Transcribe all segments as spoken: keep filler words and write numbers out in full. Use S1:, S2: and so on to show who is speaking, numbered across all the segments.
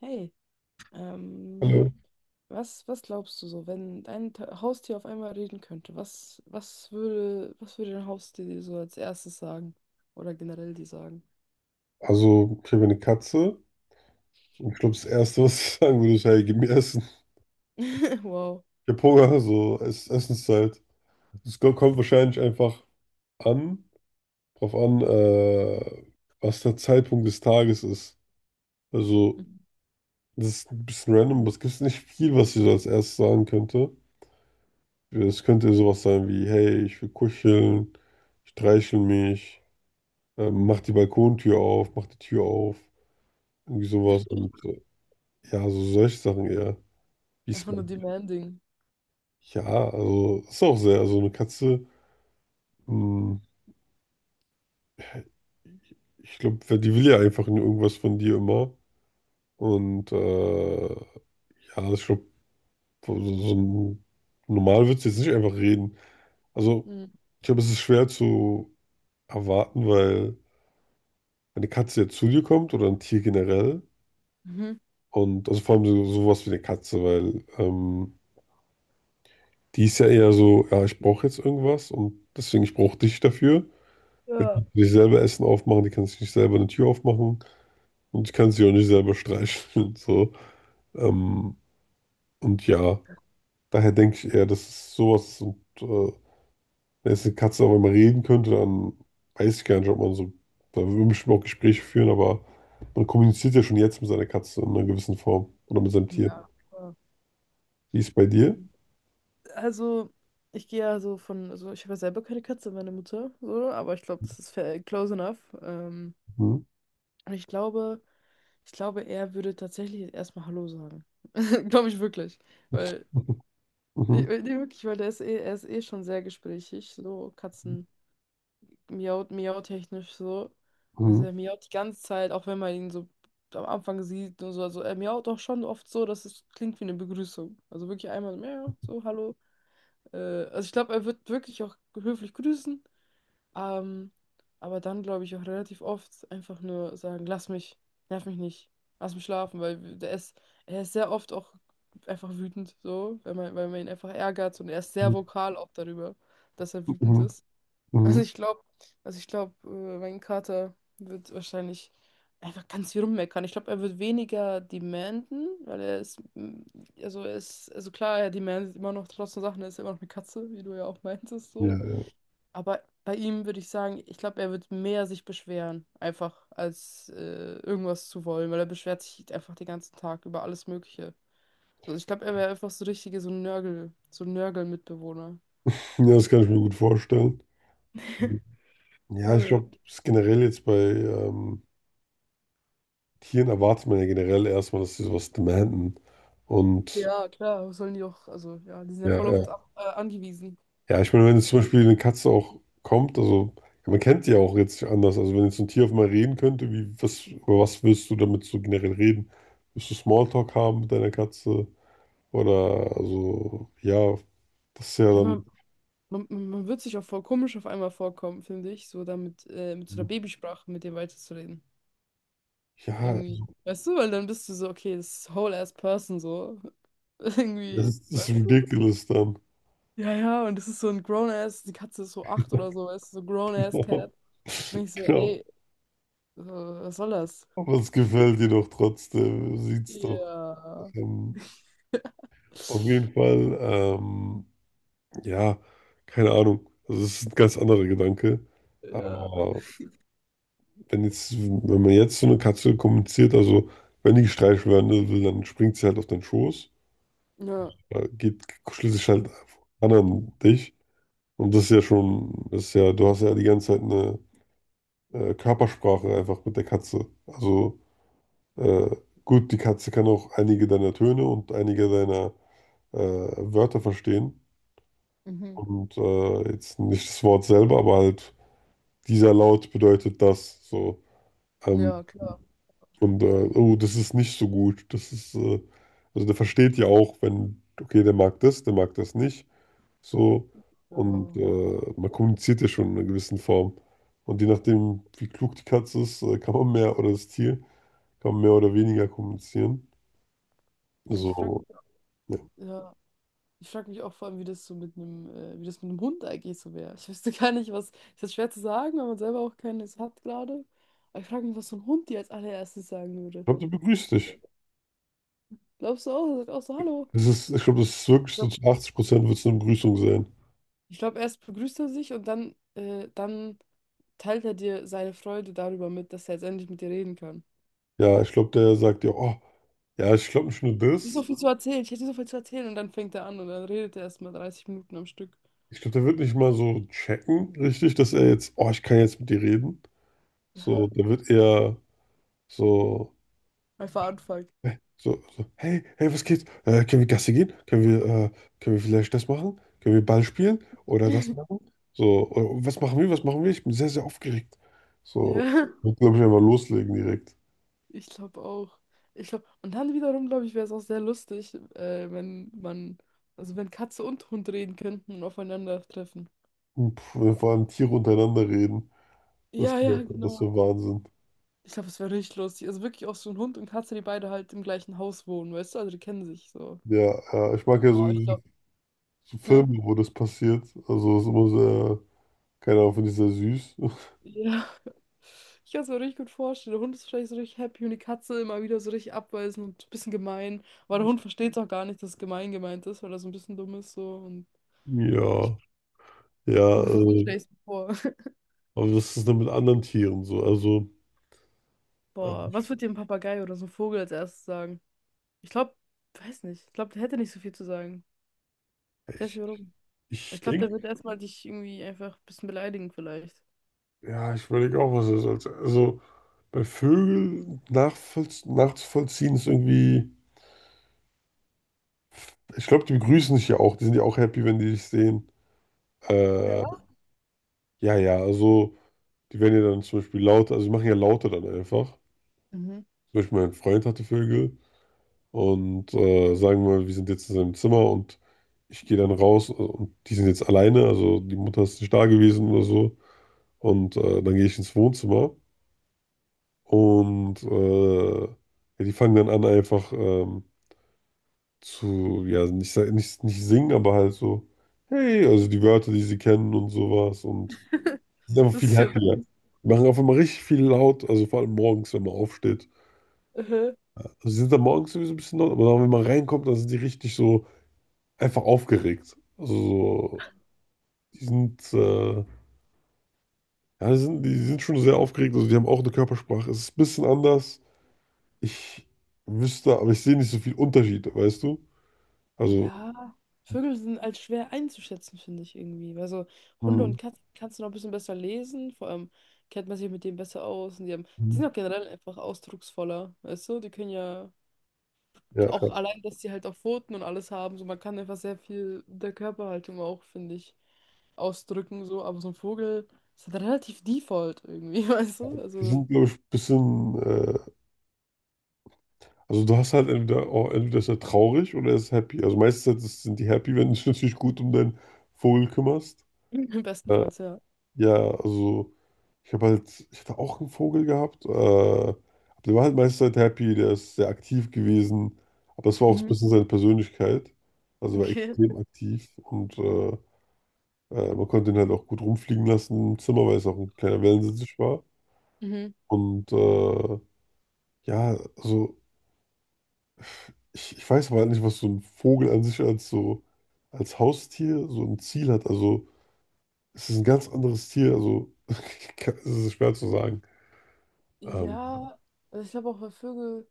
S1: Hey, ähm,
S2: Hallo.
S1: was, was glaubst du so, wenn dein Ta- Haustier auf einmal reden könnte, was, was würde, was würde dein Haustier dir so als erstes sagen? Oder generell dir sagen?
S2: Also, okay, wir eine Katze. Und Ich glaube, das Erste, was ich sagen würde, ist, hey, gib mir Essen.
S1: Wow,
S2: Ich hab Hunger, so Ess Essenszeit. Es ko- kommt wahrscheinlich einfach an, drauf an, äh, was der Zeitpunkt des Tages ist. Also,
S1: mhm.
S2: das ist ein bisschen random, aber es gibt nicht viel, was ich so als erstes sagen könnte. Es könnte ja sowas sein wie, hey, ich will kuscheln, streichel mich, ähm, mach die Balkontür auf, mach die Tür auf, irgendwie sowas. Und äh, ja, so solche Sachen eher. Wie ist.
S1: Einfach nur demanding.
S2: Ja, also ist auch sehr, also eine Katze, mh, ich glaube, die will ja einfach nur irgendwas von dir immer. Und äh, ja, ich glaube, so, so so ein- normal wird sie jetzt nicht einfach reden. Also
S1: Hm.
S2: ich glaube, es ist schwer zu erwarten, weil wenn eine Katze jetzt zu dir kommt oder ein Tier generell
S1: Mhm.
S2: und also vor allem so, sowas wie eine Katze, weil ähm, die ist ja eher so, ja, ich brauche jetzt irgendwas und deswegen ich brauche dich dafür. Die
S1: Ja,
S2: kann sich selber Essen aufmachen, die kann sich nicht selber eine Tür aufmachen. Und ich kann sie auch nicht selber streicheln und so. Ähm, und ja, daher denke ich eher, das ist sowas. Und äh, wenn jetzt eine Katze auch einmal reden könnte, dann weiß ich gar nicht, ob man so, da würde man bestimmt auch Gespräche führen, aber man kommuniziert ja schon jetzt mit seiner Katze in einer gewissen Form oder mit seinem Tier.
S1: ja. Ja.
S2: Wie ist es bei dir?
S1: also ich gehe ja so von, also ich habe ja selber keine Katze, meine Mutter, so, aber ich glaube, das ist fair- close enough. Ähm,
S2: Mhm.
S1: und ich glaube, ich glaube, er würde tatsächlich erstmal Hallo sagen. Glaube ich wirklich. Weil
S2: Mhm.
S1: Ich, äh, nee, wirklich, weil der ist eh, er ist eh schon sehr gesprächig, so Katzen miaut, miautechnisch so.
S2: Mhm.
S1: Also er miaut die ganze Zeit, auch wenn man ihn so am Anfang sieht und so. Also er miaut auch schon oft so, dass es klingt wie eine Begrüßung. Also wirklich einmal so, miau, so hallo. Äh, also ich glaube, er wird wirklich auch höflich grüßen, ähm, aber dann glaube ich auch relativ oft einfach nur sagen, lass mich, nerv mich nicht, lass mich schlafen, weil der ist, er ist sehr oft auch einfach wütend, so, wenn man, weil man ihn einfach ärgert und er ist sehr
S2: Mhm.
S1: vokal auch darüber, dass er wütend
S2: Mhm.
S1: ist. Also
S2: Mhm.
S1: ich glaube, also ich glaube, äh, mein Kater wird wahrscheinlich einfach ganz viel rummeckern. Ich glaube, er wird weniger demanden, weil er ist, mm, also er ist, also klar, er demandet immer noch trotzdem Sachen, er ist immer noch eine Katze, wie du ja auch meintest,
S2: Ja,
S1: so.
S2: ja.
S1: Aber bei ihm würde ich sagen, ich glaube, er wird mehr sich beschweren, einfach, als äh, irgendwas zu wollen, weil er beschwert sich einfach den ganzen Tag über alles Mögliche. So, ich glaube, er wäre einfach so richtige, so ein Nörgel, so ein Nörgel-Mitbewohner.
S2: Ja, das kann ich mir gut vorstellen. Ja, ich
S1: Voll.
S2: glaube, das ist generell jetzt bei ähm, Tieren erwartet man ja generell erstmal, dass sie sowas demanden. Und
S1: Ja, klar, was sollen die auch, also ja, die sind ja
S2: ja,
S1: voll auf
S2: ja.
S1: uns ab, äh, angewiesen.
S2: Ja, ich meine, wenn jetzt zum Beispiel eine Katze auch kommt, also ja, man kennt die ja auch jetzt nicht anders. Also wenn jetzt ein Tier auf einmal reden könnte, wie, was, über was willst du damit so generell reden? Willst du Smalltalk haben mit deiner Katze? Oder also, ja, das ist ja
S1: Ja, man,
S2: dann,
S1: man, man wird sich auch voll komisch auf einmal vorkommen, finde ich, so damit, äh, mit so einer Babysprache mit dem weiterzureden.
S2: ja,
S1: Irgendwie. Weißt du, weil dann bist du so, okay, das ist whole ass person so.
S2: das
S1: Irgendwie,
S2: ist, das ist
S1: weißt du?
S2: ridiculous dann.
S1: Ja, ja, und es ist so ein Grown-Ass, die Katze ist so acht oder so, ist so
S2: Genau.
S1: Grown-Ass-Cat. Und ich so,
S2: Genau.
S1: ey, so, was soll das?
S2: Aber es gefällt dir doch trotzdem. Sieht's doch.
S1: Ja.
S2: Ähm, auf jeden Fall. Ähm, Ja, keine Ahnung. Also es ist ein ganz anderer Gedanke.
S1: Ja.
S2: Aber wenn jetzt, wenn man jetzt so eine Katze kommuniziert, also wenn die gestreichelt werden will, dann springt sie halt auf deinen Schoß,
S1: Ja,
S2: äh, geht, kuschelt sich halt an an dich. Und das ist ja schon, das ist ja, du hast ja die ganze Zeit eine äh, Körpersprache einfach mit der Katze. Also äh, gut, die Katze kann auch einige deiner Töne und einige deiner äh, Wörter verstehen.
S1: mhm.
S2: Und äh, jetzt nicht das Wort selber, aber halt dieser Laut bedeutet das. So. Ähm,
S1: Ja, klar.
S2: und, äh, oh, das ist nicht so gut. Das ist, äh, also der versteht ja auch, wenn, okay, der mag das, der mag das nicht. So.
S1: Ja.
S2: Und äh, man kommuniziert ja schon in einer gewissen Form. Und je nachdem, wie klug die Katze ist, äh, kann man mehr oder das Tier, kann man mehr oder weniger kommunizieren.
S1: Ja, ich frage
S2: So,
S1: mich,
S2: ja. Ich
S1: ja, ich frag mich auch vor allem, wie das so mit einem, äh, wie das mit einem Hund eigentlich so wäre. Ich wüsste gar nicht, was. Ist das schwer zu sagen, wenn man selber auch keines hat gerade. Aber ich frage mich, was so ein Hund dir als allererstes sagen würde.
S2: glaube, der begrüßt dich.
S1: Glaubst du auch? Er sagt auch so, hallo.
S2: Das ist, ich glaube, das ist
S1: Ich
S2: wirklich so
S1: glaube,
S2: zu
S1: glaub,
S2: achtzig Prozent wird es eine Begrüßung sein.
S1: ich glaub, erst begrüßt er sich und dann, äh, dann teilt er dir seine Freude darüber mit, dass er jetzt endlich mit dir reden kann.
S2: Ja, ich glaube, der sagt ja, oh, ja, ich glaube nicht nur
S1: Ich hätte so
S2: das.
S1: viel zu erzählen, ich hätte so viel zu erzählen und dann fängt er an und dann redet er erstmal dreißig Minuten am Stück.
S2: Ich glaube, der wird nicht mal so checken, richtig, dass er jetzt, oh, ich kann jetzt mit dir reden. So,
S1: Ja,
S2: der wird eher so,
S1: einfach anfangen.
S2: hä, so, so hey, hey, was geht? Äh, können wir Gassi gehen? Können wir, äh, können wir vielleicht das machen? Können wir Ball spielen? Oder das machen? So, oder, was machen wir? Was machen wir? Ich bin sehr, sehr aufgeregt. So,
S1: Ja,
S2: wird, glaube ich, einfach loslegen direkt.
S1: ich glaube auch. Ich glaube, und dann wiederum, glaube ich, wäre es auch sehr lustig, äh, wenn man, also wenn Katze und Hund reden könnten und aufeinandertreffen.
S2: Und pff, wenn vor allem Tiere untereinander reden. Das
S1: Ja,
S2: wäre,
S1: ja,
S2: das wär
S1: genau.
S2: Wahnsinn.
S1: Ich glaube, es wäre richtig lustig. Also wirklich auch so ein Hund und Katze, die beide halt im gleichen Haus wohnen, weißt du? Also die kennen sich so.
S2: Ja, äh, ich mag ja so,
S1: Oh, ich glaube,
S2: so
S1: hä?
S2: Filme, wo das passiert. Also, es ist immer sehr. Keine Ahnung, finde ich sehr süß.
S1: Ja. Ich kann es mir richtig gut vorstellen. Der Hund ist wahrscheinlich so richtig happy und die Katze immer wieder so richtig abweisend und ein bisschen gemein. Aber der Hund versteht auch gar nicht, dass es gemein gemeint ist, weil er so ein bisschen dumm ist so und
S2: Ja, ja,
S1: ungefähr so
S2: äh,
S1: stell ich es mir vor.
S2: aber das ist dann mit anderen Tieren so. Also, äh,
S1: Boah,
S2: ich,
S1: was wird dir ein Papagei oder so ein Vogel als erstes sagen? Ich glaube, weiß nicht. Ich glaube, der hätte nicht so viel zu sagen. Ich weiß
S2: ich,
S1: nicht warum. Ich
S2: ich
S1: glaube, der wird
S2: denke,
S1: erstmal dich irgendwie einfach ein bisschen beleidigen vielleicht.
S2: ja, ich überlege auch, was das als. Also, bei Vögeln nachvollz nachzuvollziehen ist irgendwie. Ich glaube, die begrüßen sich ja auch. Die sind ja auch happy, wenn die dich sehen. Äh,
S1: Ja?
S2: ja, ja, also, die werden ja dann zum Beispiel lauter. Also, die machen ja lauter dann einfach.
S1: Mhm.
S2: Zum Beispiel, mein Freund hatte Vögel. Und äh, sagen wir mal, wir sind jetzt in seinem Zimmer und ich gehe dann raus, äh, und die sind jetzt alleine, also die Mutter ist nicht da gewesen oder so. Und äh, dann gehe ich ins Wohnzimmer und äh, ja, die fangen dann an einfach ähm, zu, ja, nicht, sa- nicht, nicht singen, aber halt so, hey, also die Wörter, die sie kennen und sowas und sind einfach
S1: Das
S2: viel
S1: ist ja
S2: happier. Die machen auf einmal richtig viel laut, also vor allem morgens, wenn man aufsteht.
S1: süß.
S2: Also sie sind dann morgens sowieso ein bisschen laut, aber dann, wenn man reinkommt, dann sind die richtig so einfach aufgeregt. Also, so, die sind, äh, ja, die sind, die sind schon sehr aufgeregt. Also, die haben auch eine Körpersprache. Es ist ein bisschen anders. Ich wüsste, aber ich sehe nicht so viel Unterschied, weißt du? Also.
S1: Ja, Vögel sind als schwer einzuschätzen, finde ich irgendwie. Weil so Hunde und
S2: Mhm.
S1: Katzen kannst du noch ein bisschen besser lesen, vor allem kennt man sich mit denen besser aus und die haben, die
S2: Mhm.
S1: sind auch generell einfach ausdrucksvoller, weißt du? Die können ja
S2: Ja, ja.
S1: auch allein, dass die halt auch Pfoten und alles haben, so man kann einfach sehr viel mit der Körperhaltung auch, finde ich, ausdrücken, so, aber so ein Vogel ist halt relativ default irgendwie, weißt du?
S2: Die
S1: Also
S2: sind, glaube ich, ein bisschen, äh, also du hast halt entweder, oh, entweder ist er traurig oder er ist happy. Also meistens sind die happy, wenn du dich natürlich gut um deinen Vogel kümmerst. Äh,
S1: bestenfalls, ja.
S2: Ja, also ich habe halt, ich hatte auch einen Vogel gehabt, äh, aber der war halt meiste Zeit happy, der ist sehr aktiv gewesen, aber das war auch so ein
S1: Mhm.
S2: bisschen seine Persönlichkeit, also war
S1: Okay.
S2: extrem aktiv und äh, äh, man konnte ihn halt auch gut rumfliegen lassen im Zimmer, weil es auch ein kleiner Wellensittich war
S1: Mhm.
S2: und äh, ja, also ich, ich weiß aber halt nicht, was so ein Vogel an sich als so, als Haustier so ein Ziel hat, also es ist ein ganz anderes Tier, also es ist schwer zu sagen. Ähm,
S1: Ja, also ich glaube auch bei Vögel.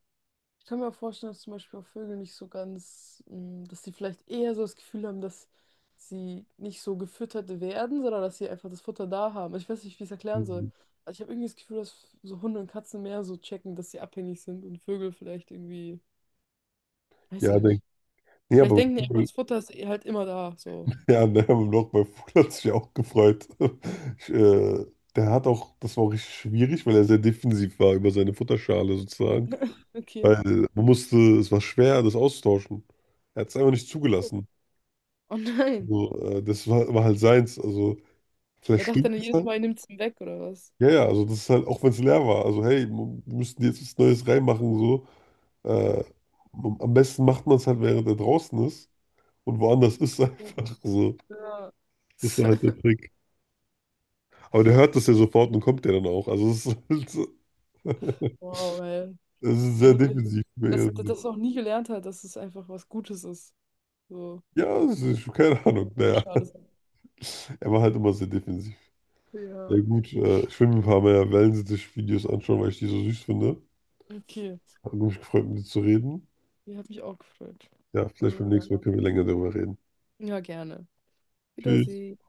S1: Ich kann mir auch vorstellen, dass zum Beispiel auch Vögel nicht so ganz, mh, dass sie vielleicht eher so das Gefühl haben, dass sie nicht so gefüttert werden, sondern dass sie einfach das Futter da haben. Ich weiß nicht, wie ich es erklären soll. Also ich habe irgendwie das Gefühl, dass so Hunde und Katzen mehr so checken, dass sie abhängig sind und Vögel vielleicht irgendwie, weiß
S2: Ja, denk,
S1: nicht.
S2: nee,
S1: Vielleicht
S2: aber
S1: denken die einfach, das Futter ist eh halt immer da. So,
S2: ja, ne, beim Loch bei Fuhl hat sich auch gefreut. Ich, äh, der hat auch, das war auch richtig schwierig, weil er sehr defensiv war über seine Futterschale sozusagen.
S1: okay.
S2: Weil man musste, es war schwer, das auszutauschen. Er hat es einfach nicht zugelassen.
S1: Oh nein.
S2: So, äh, das war, war halt seins. Also,
S1: Er
S2: vielleicht
S1: dachte
S2: stimmt
S1: dann
S2: es
S1: jedes
S2: halt.
S1: Mal, er nimmt es ihm weg oder was?
S2: Ja, ja, also das ist halt, auch wenn es leer war. Also, hey, wir müssen jetzt was Neues reinmachen, so. Äh, am besten macht man es halt, während er draußen ist und woanders ist, einfach so.
S1: Ja.
S2: Das war halt der Trick. Aber der hört das ja sofort und kommt ja dann auch. Also es ist halt so-
S1: Wow, ey.
S2: es ist
S1: Ich
S2: sehr
S1: hab das,
S2: defensiv.
S1: das, das noch nie gelernt hat, dass es einfach was Gutes ist. So,
S2: Ja, es ist, keine
S1: ja, das
S2: Ahnung.
S1: gute
S2: Naja,
S1: Schale sein.
S2: er war halt immer sehr defensiv. Ja
S1: Ja,
S2: gut, äh, ich will mir ein paar mehr Wellensittich-Videos anschauen, weil ich die so süß finde.
S1: okay.
S2: Hat mich gefreut, mit dir zu reden.
S1: Die hat mich auch gefreut.
S2: Ja, vielleicht
S1: Äh,
S2: beim
S1: Ja,
S2: nächsten Mal können wir länger darüber reden.
S1: Ja, gerne.
S2: Tschüss.
S1: Wiedersehen.